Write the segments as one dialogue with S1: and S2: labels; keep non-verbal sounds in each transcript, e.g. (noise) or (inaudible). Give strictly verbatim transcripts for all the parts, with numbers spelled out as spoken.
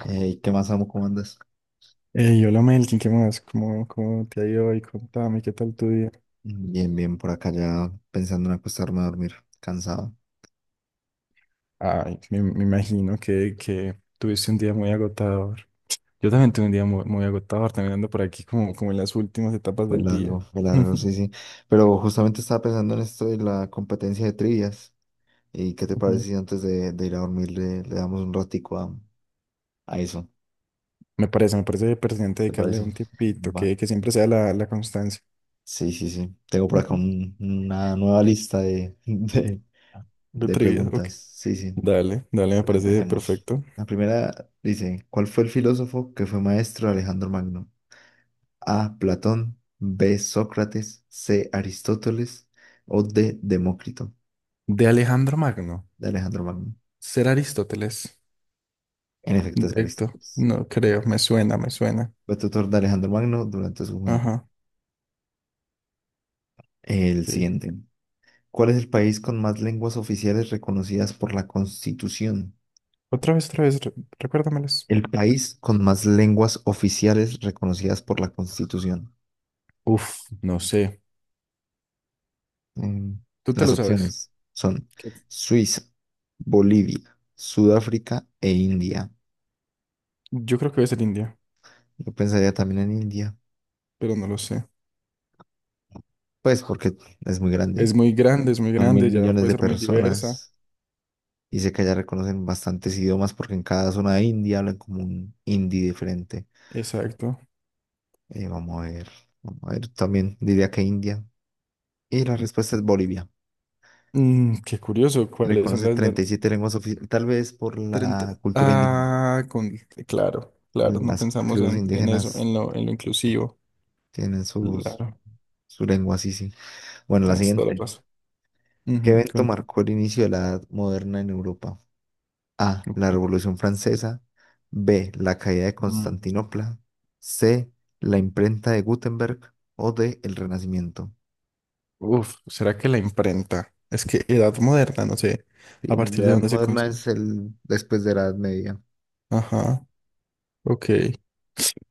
S1: Hey, ¿qué más, amo? ¿Cómo andas?
S2: Yo hola Melkin, ¿qué más? ¿Cómo, cómo te ha ido hoy? Contame, ¿qué tal tu día?
S1: Bien, bien, por acá ya pensando en acostarme a dormir, cansado.
S2: Ay, me, me imagino que, que tuviste un día muy agotador. Yo también tuve un día muy, muy agotador, también ando por aquí como, como en las últimas etapas
S1: Fue
S2: del día.
S1: largo, fue largo,
S2: (laughs)
S1: sí, sí. Pero justamente estaba pensando en esto de la competencia de trivias. ¿Y qué te parece
S2: Ujú.
S1: si antes de, de ir a dormir le, le damos un ratico a, a eso?
S2: Me parece, me parece pertinente
S1: ¿Te
S2: dedicarle
S1: parece?
S2: un tiempito,
S1: Va.
S2: que, que siempre sea la, la constancia.
S1: Sí, sí, sí. Tengo por acá
S2: Ujú.
S1: un- una nueva lista de, (laughs) de,
S2: De
S1: de
S2: trivia, ok.
S1: preguntas. Sí, sí.
S2: Dale, dale, me
S1: Pues
S2: parece
S1: empecemos.
S2: perfecto.
S1: La primera dice, ¿cuál fue el filósofo que fue maestro de Alejandro Magno? A. Platón, B. Sócrates, C. Aristóteles o D. Demócrito
S2: De Alejandro Magno,
S1: de Alejandro Magno.
S2: ser Aristóteles.
S1: En efecto, es
S2: Directo,
S1: Aristóteles.
S2: no creo, me suena, me suena.
S1: Fue tutor de Alejandro Magno durante su juventud.
S2: Ajá.
S1: El
S2: Ok.
S1: siguiente. ¿Cuál es el país con más lenguas oficiales reconocidas por la Constitución?
S2: Otra vez, otra vez, re- recuérdamelas.
S1: El país con más lenguas oficiales reconocidas por la Constitución.
S2: Uf, no sé.
S1: Mm,
S2: Tú te
S1: Las
S2: lo sabes.
S1: opciones son
S2: ¿Qué?
S1: Suiza, Bolivia, Sudáfrica e India.
S2: Yo creo que debe ser India,
S1: Yo pensaría también en India.
S2: pero no lo sé.
S1: Pues porque es muy grande.
S2: Es muy grande, es muy
S1: Son mil
S2: grande, ya
S1: millones
S2: puede
S1: de
S2: ser muy diversa.
S1: personas. Y sé que allá reconocen bastantes idiomas porque en cada zona de India hablan como un hindi diferente.
S2: Exacto.
S1: Eh, vamos a ver. Vamos a ver. También diría que India. Y la respuesta es Bolivia.
S2: Mm, qué curioso, ¿cuáles son
S1: Reconoce
S2: las, las
S1: treinta y siete lenguas oficiales. Tal vez por
S2: treinta?
S1: la cultura indígena.
S2: Ah, con, claro, claro, no
S1: Las
S2: pensamos
S1: tribus
S2: en, en eso,
S1: indígenas
S2: en lo, en lo inclusivo.
S1: tienen sus,
S2: Claro,
S1: su lengua, sí, sí. Bueno, la
S2: tienes toda la
S1: siguiente.
S2: razón.
S1: ¿Qué
S2: Ujú,
S1: evento
S2: contame.
S1: marcó el inicio de la edad moderna en Europa? A. La
S2: Ok.
S1: Revolución Francesa. B. La caída de
S2: Mm.
S1: Constantinopla. C. La imprenta de Gutenberg. O D. El Renacimiento.
S2: Uf, ¿será que la imprenta? Es que edad moderna, no sé
S1: Sí,
S2: a
S1: la
S2: partir de
S1: Edad
S2: dónde se
S1: Moderna
S2: considera.
S1: es el después de la Edad Media,
S2: Ajá. Ok.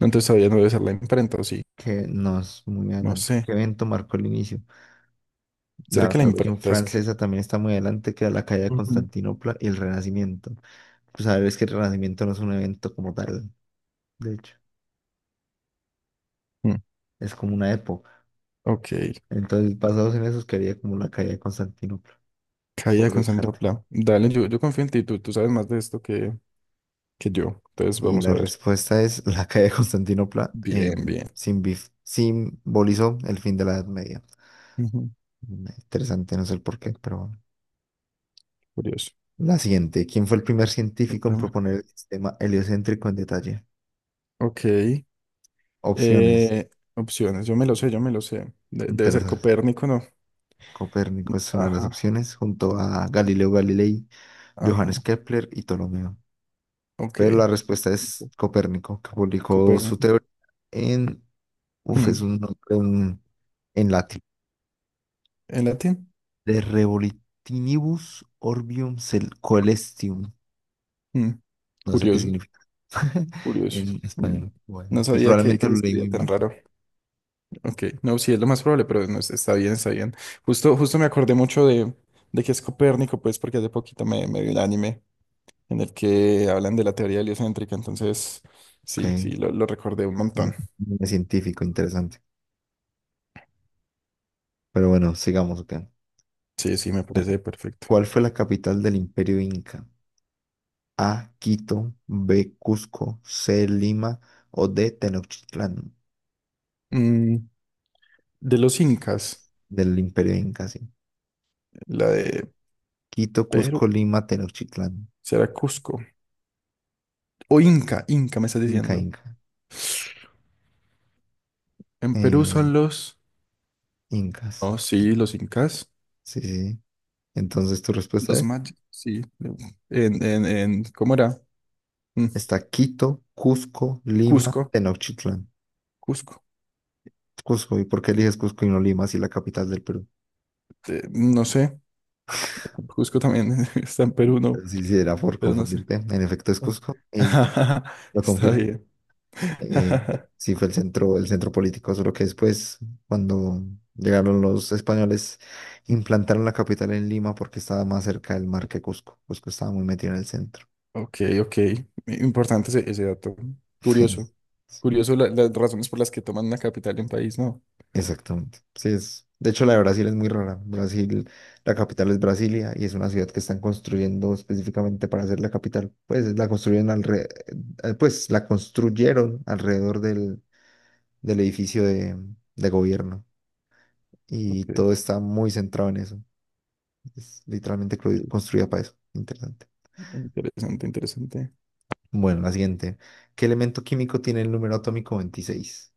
S2: Entonces todavía no debe ser la imprenta, ¿o sí?
S1: que no es muy
S2: No
S1: adelante.
S2: sé.
S1: ¿Qué evento marcó el inicio?
S2: ¿Será
S1: La
S2: que la
S1: Revolución
S2: imprenta es que...?
S1: Francesa también está muy adelante, que la caída de
S2: Ujú.
S1: Constantinopla y el Renacimiento. Pues a ver, es que el Renacimiento no es un evento como tal, de hecho,
S2: Mm,
S1: es como una época.
S2: ok,
S1: Entonces, basados en eso, quería como la caída de Constantinopla,
S2: caída
S1: por
S2: con
S1: descarte.
S2: Santopla. Dale, yo, yo confío en ti, tú, tú sabes más de esto que, que yo. Entonces
S1: Y
S2: vamos a
S1: la
S2: ver.
S1: respuesta es (laughs) la calle de Constantinopla, eh,
S2: Bien, bien.
S1: simbi- simbolizó el fin de la Edad Media.
S2: Ujú.
S1: Mm, Interesante, no sé el por qué, pero bueno.
S2: Curioso.
S1: La siguiente. ¿Quién fue el primer
S2: No
S1: científico en
S2: tema.
S1: proponer el sistema heliocéntrico en detalle?
S2: Ok,
S1: Opciones.
S2: eh, opciones, yo me lo sé, yo me lo sé. De- debe ser
S1: Interesantes.
S2: Copérnico, ¿no?
S1: Copérnico es una de las
S2: Ajá,
S1: opciones, junto a Galileo Galilei,
S2: ajá,
S1: Johannes Kepler y Ptolomeo. Pero
S2: ok.
S1: la respuesta es Copérnico, que publicó su
S2: Copérnico.
S1: teoría en... Uf, es
S2: Mm,
S1: un nombre en, en latín.
S2: ¿En latín?
S1: De Revolitinibus Orbium Cel- Coelestium.
S2: Mm.
S1: No sé qué
S2: Curioso.
S1: significa (laughs)
S2: Curioso.
S1: en
S2: Mm.
S1: español.
S2: No
S1: Bueno, y
S2: sabía que, que
S1: probablemente
S2: se
S1: lo leí
S2: escribía
S1: muy
S2: tan
S1: mal.
S2: raro. Ok, no, sí, es lo más probable, pero no, es- está bien, está bien. Justo, justo me acordé mucho de, de que es Copérnico, pues, porque hace poquito me, me vi el anime en el que hablan de la teoría heliocéntrica, entonces,
S1: Ok.
S2: sí, sí, lo, lo recordé un
S1: Un
S2: montón.
S1: un científico interesante. Pero bueno, sigamos. Ok. A
S2: Sí, sí, me
S1: ver,
S2: parece perfecto.
S1: ¿cuál fue la capital del Imperio Inca? A. Quito. B. Cusco. C. Lima. O D. Tenochtitlán.
S2: Mm, de
S1: De
S2: los
S1: los-
S2: incas,
S1: Del Imperio Inca, sí.
S2: la de
S1: Quito,
S2: Perú,
S1: Cusco, Lima, Tenochtitlán.
S2: será Cusco. O Inca, Inca, me estás
S1: Inca,
S2: diciendo.
S1: Inca.
S2: En Perú
S1: Eh,
S2: son los...
S1: incas.
S2: Oh, sí, los incas.
S1: Sí, sí. Entonces tu respuesta
S2: Los
S1: es,
S2: mayas, sí. En, en, en, ¿cómo era? Mm,
S1: está Quito, Cusco, Lima,
S2: Cusco,
S1: Tenochtitlán.
S2: Cusco.
S1: Cusco, ¿y por qué eliges Cusco y no Lima si la capital del Perú?
S2: Eh, no sé. Cusco también (laughs) está en Perú, no,
S1: Pero sí, sí, era por
S2: pero no sé.
S1: confundirte. En efecto es Cusco, y sí,
S2: (laughs)
S1: lo
S2: Está
S1: confirmo.
S2: bien.
S1: Eh,
S2: (laughs)
S1: sí, fue el centro, el centro político, solo que después, cuando llegaron los españoles, implantaron la capital en Lima porque estaba más cerca del mar que Cusco. Cusco estaba muy metido en el centro.
S2: Ok, ok. Importante ese, ese dato.
S1: (laughs)
S2: Curioso.
S1: Sí.
S2: Curioso la- las razones por las que toman una capital en país, ¿no?
S1: Exactamente. Sí, es. De hecho, la de Brasil es muy rara. Brasil, la capital es Brasilia y es una ciudad que están construyendo específicamente para hacer la capital. Pues la construyen alre- eh, pues la construyeron alrededor del, del edificio de, de gobierno. Y
S2: Ok,
S1: todo está muy centrado en eso. Es literalmente cru-
S2: ok.
S1: construida para eso. Interesante.
S2: Interesante, interesante.
S1: Bueno, la siguiente. ¿Qué elemento químico tiene el número atómico veintiséis?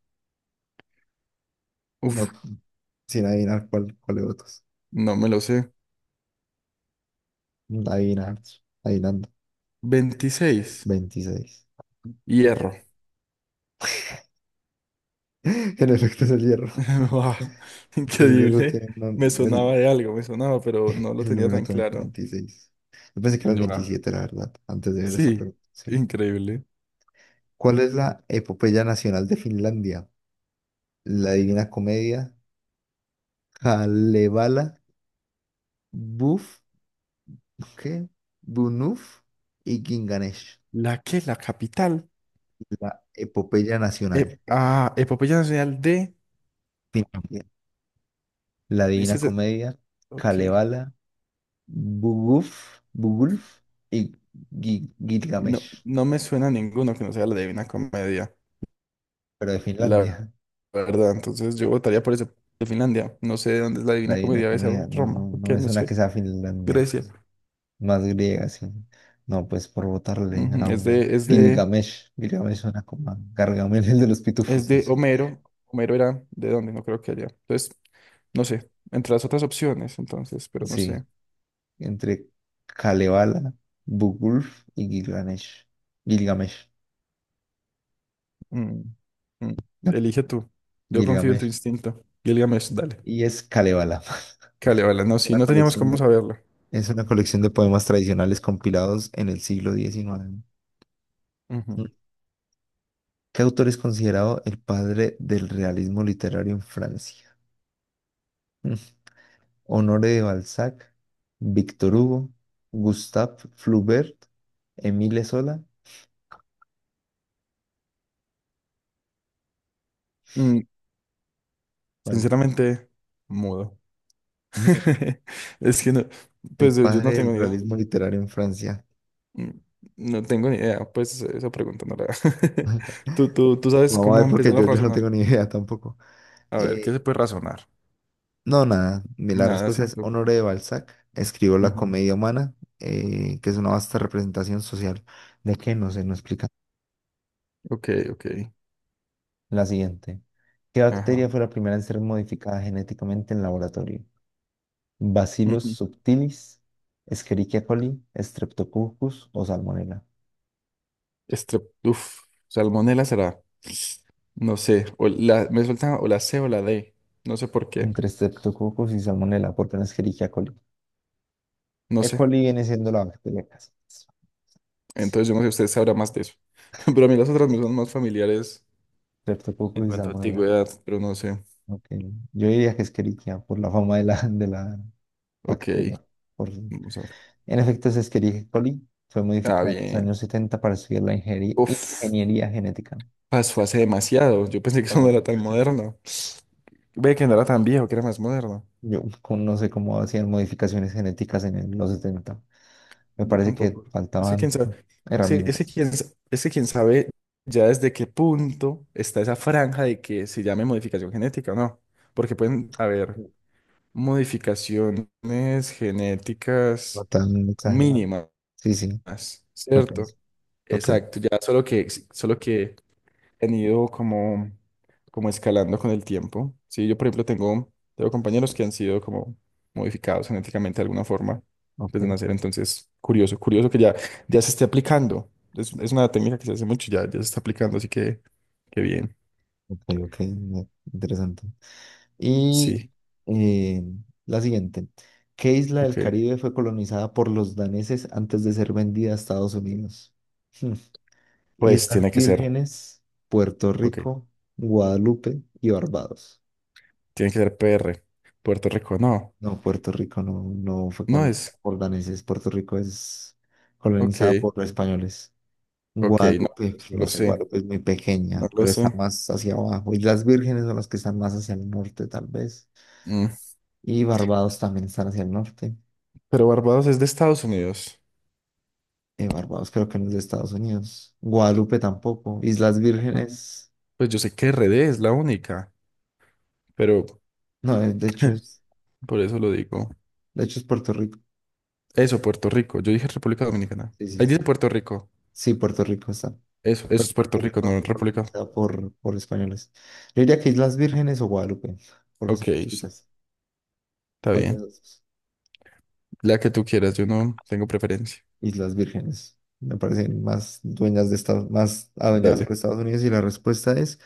S1: No,
S2: Uf,
S1: sin adivinar cuál, cuál de otros.
S2: no me lo sé.
S1: Adivinar, adivinando. Veintiséis
S2: Veintiséis.
S1: 26.
S2: Hierro.
S1: Bien. (laughs) En efecto es el hierro.
S2: (laughs) Wow,
S1: El hierro
S2: increíble.
S1: tiene
S2: Me
S1: un- el,
S2: sonaba de algo, me sonaba, pero no lo
S1: el
S2: tenía
S1: número
S2: tan
S1: atómico
S2: claro.
S1: veintiséis. Yo pensé que era el
S2: Buah,
S1: veintisiete la verdad, antes de ver esa
S2: sí,
S1: pregunta. Sí.
S2: increíble.
S1: ¿Cuál es la epopeya nacional de Finlandia? La Divina Comedia, Kalevala, Buf, ¿qué? Bunuf y Ginganesh.
S2: ¿La qué? La capital.
S1: La epopeya
S2: Eh,
S1: nacional.
S2: ah, Epopeya Nacional de...
S1: Finlandia. La
S2: Es que
S1: Divina
S2: se-
S1: Comedia,
S2: ok.
S1: Kalevala, Bugulf, Bugulf y Gi-
S2: No,
S1: Gilgamesh,
S2: no me suena a ninguno que no sea la Divina Comedia,
S1: pero de
S2: la
S1: Finlandia.
S2: verdad. Entonces yo votaría por ese de Finlandia. No sé dónde es la Divina
S1: Ahí una
S2: Comedia, debe ser
S1: comida, no, no,
S2: Roma,
S1: no
S2: ok,
S1: me
S2: no
S1: suena que
S2: sé.
S1: sea Finlandia,
S2: Grecia.
S1: pues, más griega, sí. No, pues por votarle
S2: Ujú.
S1: a
S2: Es
S1: una.
S2: de, es de
S1: Gilgamesh, Gilgamesh suena como a Gargamel, el de los
S2: es
S1: pitufos, no
S2: de
S1: sé.
S2: Homero. Homero era de dónde, no creo que haya. Entonces, no sé, entre las otras opciones, entonces, pero no sé.
S1: Sí, entre Kalevala, Bugulf y Gilgamesh. Gilgamesh,
S2: Mm, mm,
S1: no,
S2: Elige tú. Yo confío en tu
S1: Gilgamesh.
S2: instinto. Gilgamesh, dale.
S1: Y es Kalevala. (laughs)
S2: Cale, vale, no,
S1: Es
S2: sí,
S1: una
S2: no teníamos
S1: colección
S2: cómo
S1: de,
S2: saberlo.
S1: es una colección de poemas tradicionales compilados en el siglo diecinueve. Mm.
S2: Ujú.
S1: ¿Qué autor es considerado el padre del realismo literario en Francia? Mm. Honoré de Balzac, Víctor Hugo, Gustave Flaubert, Émile Zola.
S2: Mm,
S1: ¿Cuál?
S2: Sinceramente, mudo.
S1: Mm,
S2: (laughs) Es que no, pues
S1: El
S2: yo, yo
S1: padre
S2: no tengo
S1: del
S2: ni idea.
S1: realismo literario en Francia.
S2: Mm, No tengo ni idea, pues esa pregunta no la... (laughs) Tú, tú, tú sabes
S1: Vamos a
S2: cómo
S1: ver porque
S2: empezar a
S1: yo, yo no
S2: razonar.
S1: tengo ni (laughs) idea tampoco.
S2: A ver, ¿qué
S1: Eh,
S2: se puede razonar?
S1: no, nada. Mi- La
S2: Nada,
S1: respuesta es
S2: ¿cierto?
S1: Honoré de Balzac. Escribió La
S2: Ujú.
S1: comedia humana, eh, que es una vasta representación social. ¿De qué? No sé, no explica.
S2: Ok, ok.
S1: La siguiente. ¿Qué
S2: Ajá.
S1: bacteria fue la primera en ser modificada genéticamente en laboratorio? ¿Bacillus
S2: Ujú.
S1: subtilis, Escherichia coli, Streptococcus o Salmonella?
S2: Estrep, uf, Salmonela será. No sé. O la, me suelta o la C o la D. No sé por qué.
S1: Entre Streptococcus y Salmonella, porque no Escherichia coli.
S2: No
S1: E.
S2: sé.
S1: coli viene siendo la bacteria casa. Sí,
S2: Entonces yo no sé, usted sabrá más de eso. (laughs) Pero a mí las otras me son más familiares en
S1: Streptococcus y
S2: cuanto a
S1: Salmonella.
S2: antigüedad, pero no sé.
S1: Ok. Yo diría que Escherichia por la fama de la, de la
S2: Ok.
S1: bacteria. Por- En
S2: Vamos a ver.
S1: efecto, es Escherichia coli. Fue
S2: Ah,
S1: modificada en los
S2: bien.
S1: años setenta para estudiar la ingeri-
S2: Uf,
S1: ingeniería genética.
S2: pasó hace demasiado. Yo pensé que eso
S1: Cosas
S2: no era tan
S1: así.
S2: moderno. Ve que no era tan viejo, que era más moderno.
S1: Yo con- no sé cómo hacían modificaciones genéticas en el- los setenta. Me
S2: Yo
S1: parece que
S2: tampoco. Es que quién
S1: faltaban
S2: sabe, es que, es que
S1: herramientas.
S2: quién, sa- es que quién sabe ya desde qué punto está esa franja de que se llame modificación genética o no. Porque pueden haber modificaciones
S1: No
S2: genéticas
S1: tan exagerado.
S2: mínimas,
S1: Sí, sí, lo
S2: ¿cierto?
S1: pienso. Ok,
S2: Exacto, ya solo que, solo que han ido como, como escalando con el tiempo. Sí, yo por ejemplo tengo, tengo compañeros que han sido como modificados genéticamente de alguna forma
S1: ok,
S2: desde nacer, entonces curioso, curioso que ya, ya se esté aplicando. Es, es una técnica que se hace mucho, ya, ya se está aplicando, así que qué bien.
S1: ok, ok. No, interesante. Y
S2: Sí,
S1: eh, la siguiente. ¿Qué isla del
S2: ok.
S1: Caribe fue colonizada por los daneses antes de ser vendida a Estados Unidos? Hmm,
S2: Pues
S1: Islas
S2: tiene que ser,
S1: Vírgenes, Puerto
S2: ok,
S1: Rico, Guadalupe y Barbados.
S2: tiene que ser P R, Puerto Rico, no,
S1: No, Puerto Rico no, no fue con
S2: no
S1: los
S2: es,
S1: jordaneses. Puerto Rico es colonizada
S2: ok,
S1: por los españoles.
S2: ok, no,
S1: Guadalupe,
S2: pues, no
S1: no
S2: lo
S1: sé,
S2: sé,
S1: Guadalupe es muy
S2: no
S1: pequeña,
S2: lo
S1: pero está
S2: sé.
S1: más hacia abajo. Islas las Vírgenes son las que están más hacia el norte, tal vez.
S2: Mm.
S1: Y Barbados también están hacia el norte.
S2: Pero Barbados es de Estados Unidos.
S1: Eh, Barbados creo que no es de Estados Unidos. Guadalupe tampoco. Islas Vírgenes,
S2: Pues yo sé que R D es la única, pero
S1: no, eh, de hecho
S2: (laughs)
S1: es,
S2: por eso lo digo.
S1: de hecho es Puerto Rico.
S2: Eso, Puerto Rico. Yo dije República Dominicana.
S1: Sí, sí,
S2: Ahí
S1: sí,
S2: dice Puerto Rico.
S1: sí, Puerto Rico está.
S2: Eso, eso
S1: Pero
S2: es Puerto
S1: Puerto
S2: Rico,
S1: Rico
S2: no
S1: fue
S2: República.
S1: colonizada por, por españoles. Yo diría que Islas Vírgenes o Guadalupe, porque
S2: Ok,
S1: son muy
S2: sí,
S1: chiquitas.
S2: está
S1: ¿Cuál de las
S2: bien.
S1: dos?
S2: La que tú quieras, yo no tengo preferencia.
S1: Islas Vírgenes. Me parecen más dueñas de Estados, más adueñadas
S2: Dale.
S1: por Estados Unidos y la respuesta es,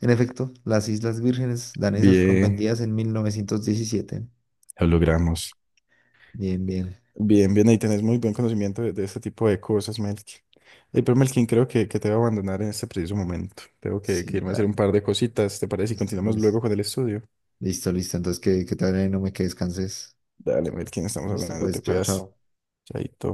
S1: en efecto, las Islas Vírgenes danesas fueron
S2: Bien,
S1: vendidas en mil novecientos diecisiete.
S2: lo logramos.
S1: Bien, bien.
S2: Bien, bien, ahí tenés muy buen conocimiento de, de este tipo de cosas, Melkin. Eh, pero Melkin, creo que, que te voy a abandonar en este preciso momento. Tengo que, que
S1: Sí,
S2: irme a hacer
S1: ya.
S2: un par de cositas, ¿te parece? Y
S1: Listo,
S2: continuamos luego
S1: pues.
S2: con el estudio.
S1: Listo, listo. Entonces, que, que te vaya bien, no me que descanses.
S2: Dale, Melkin, estamos
S1: Listo,
S2: hablando,
S1: pues.
S2: te
S1: Chao,
S2: cuidas.
S1: chao.
S2: Chaito.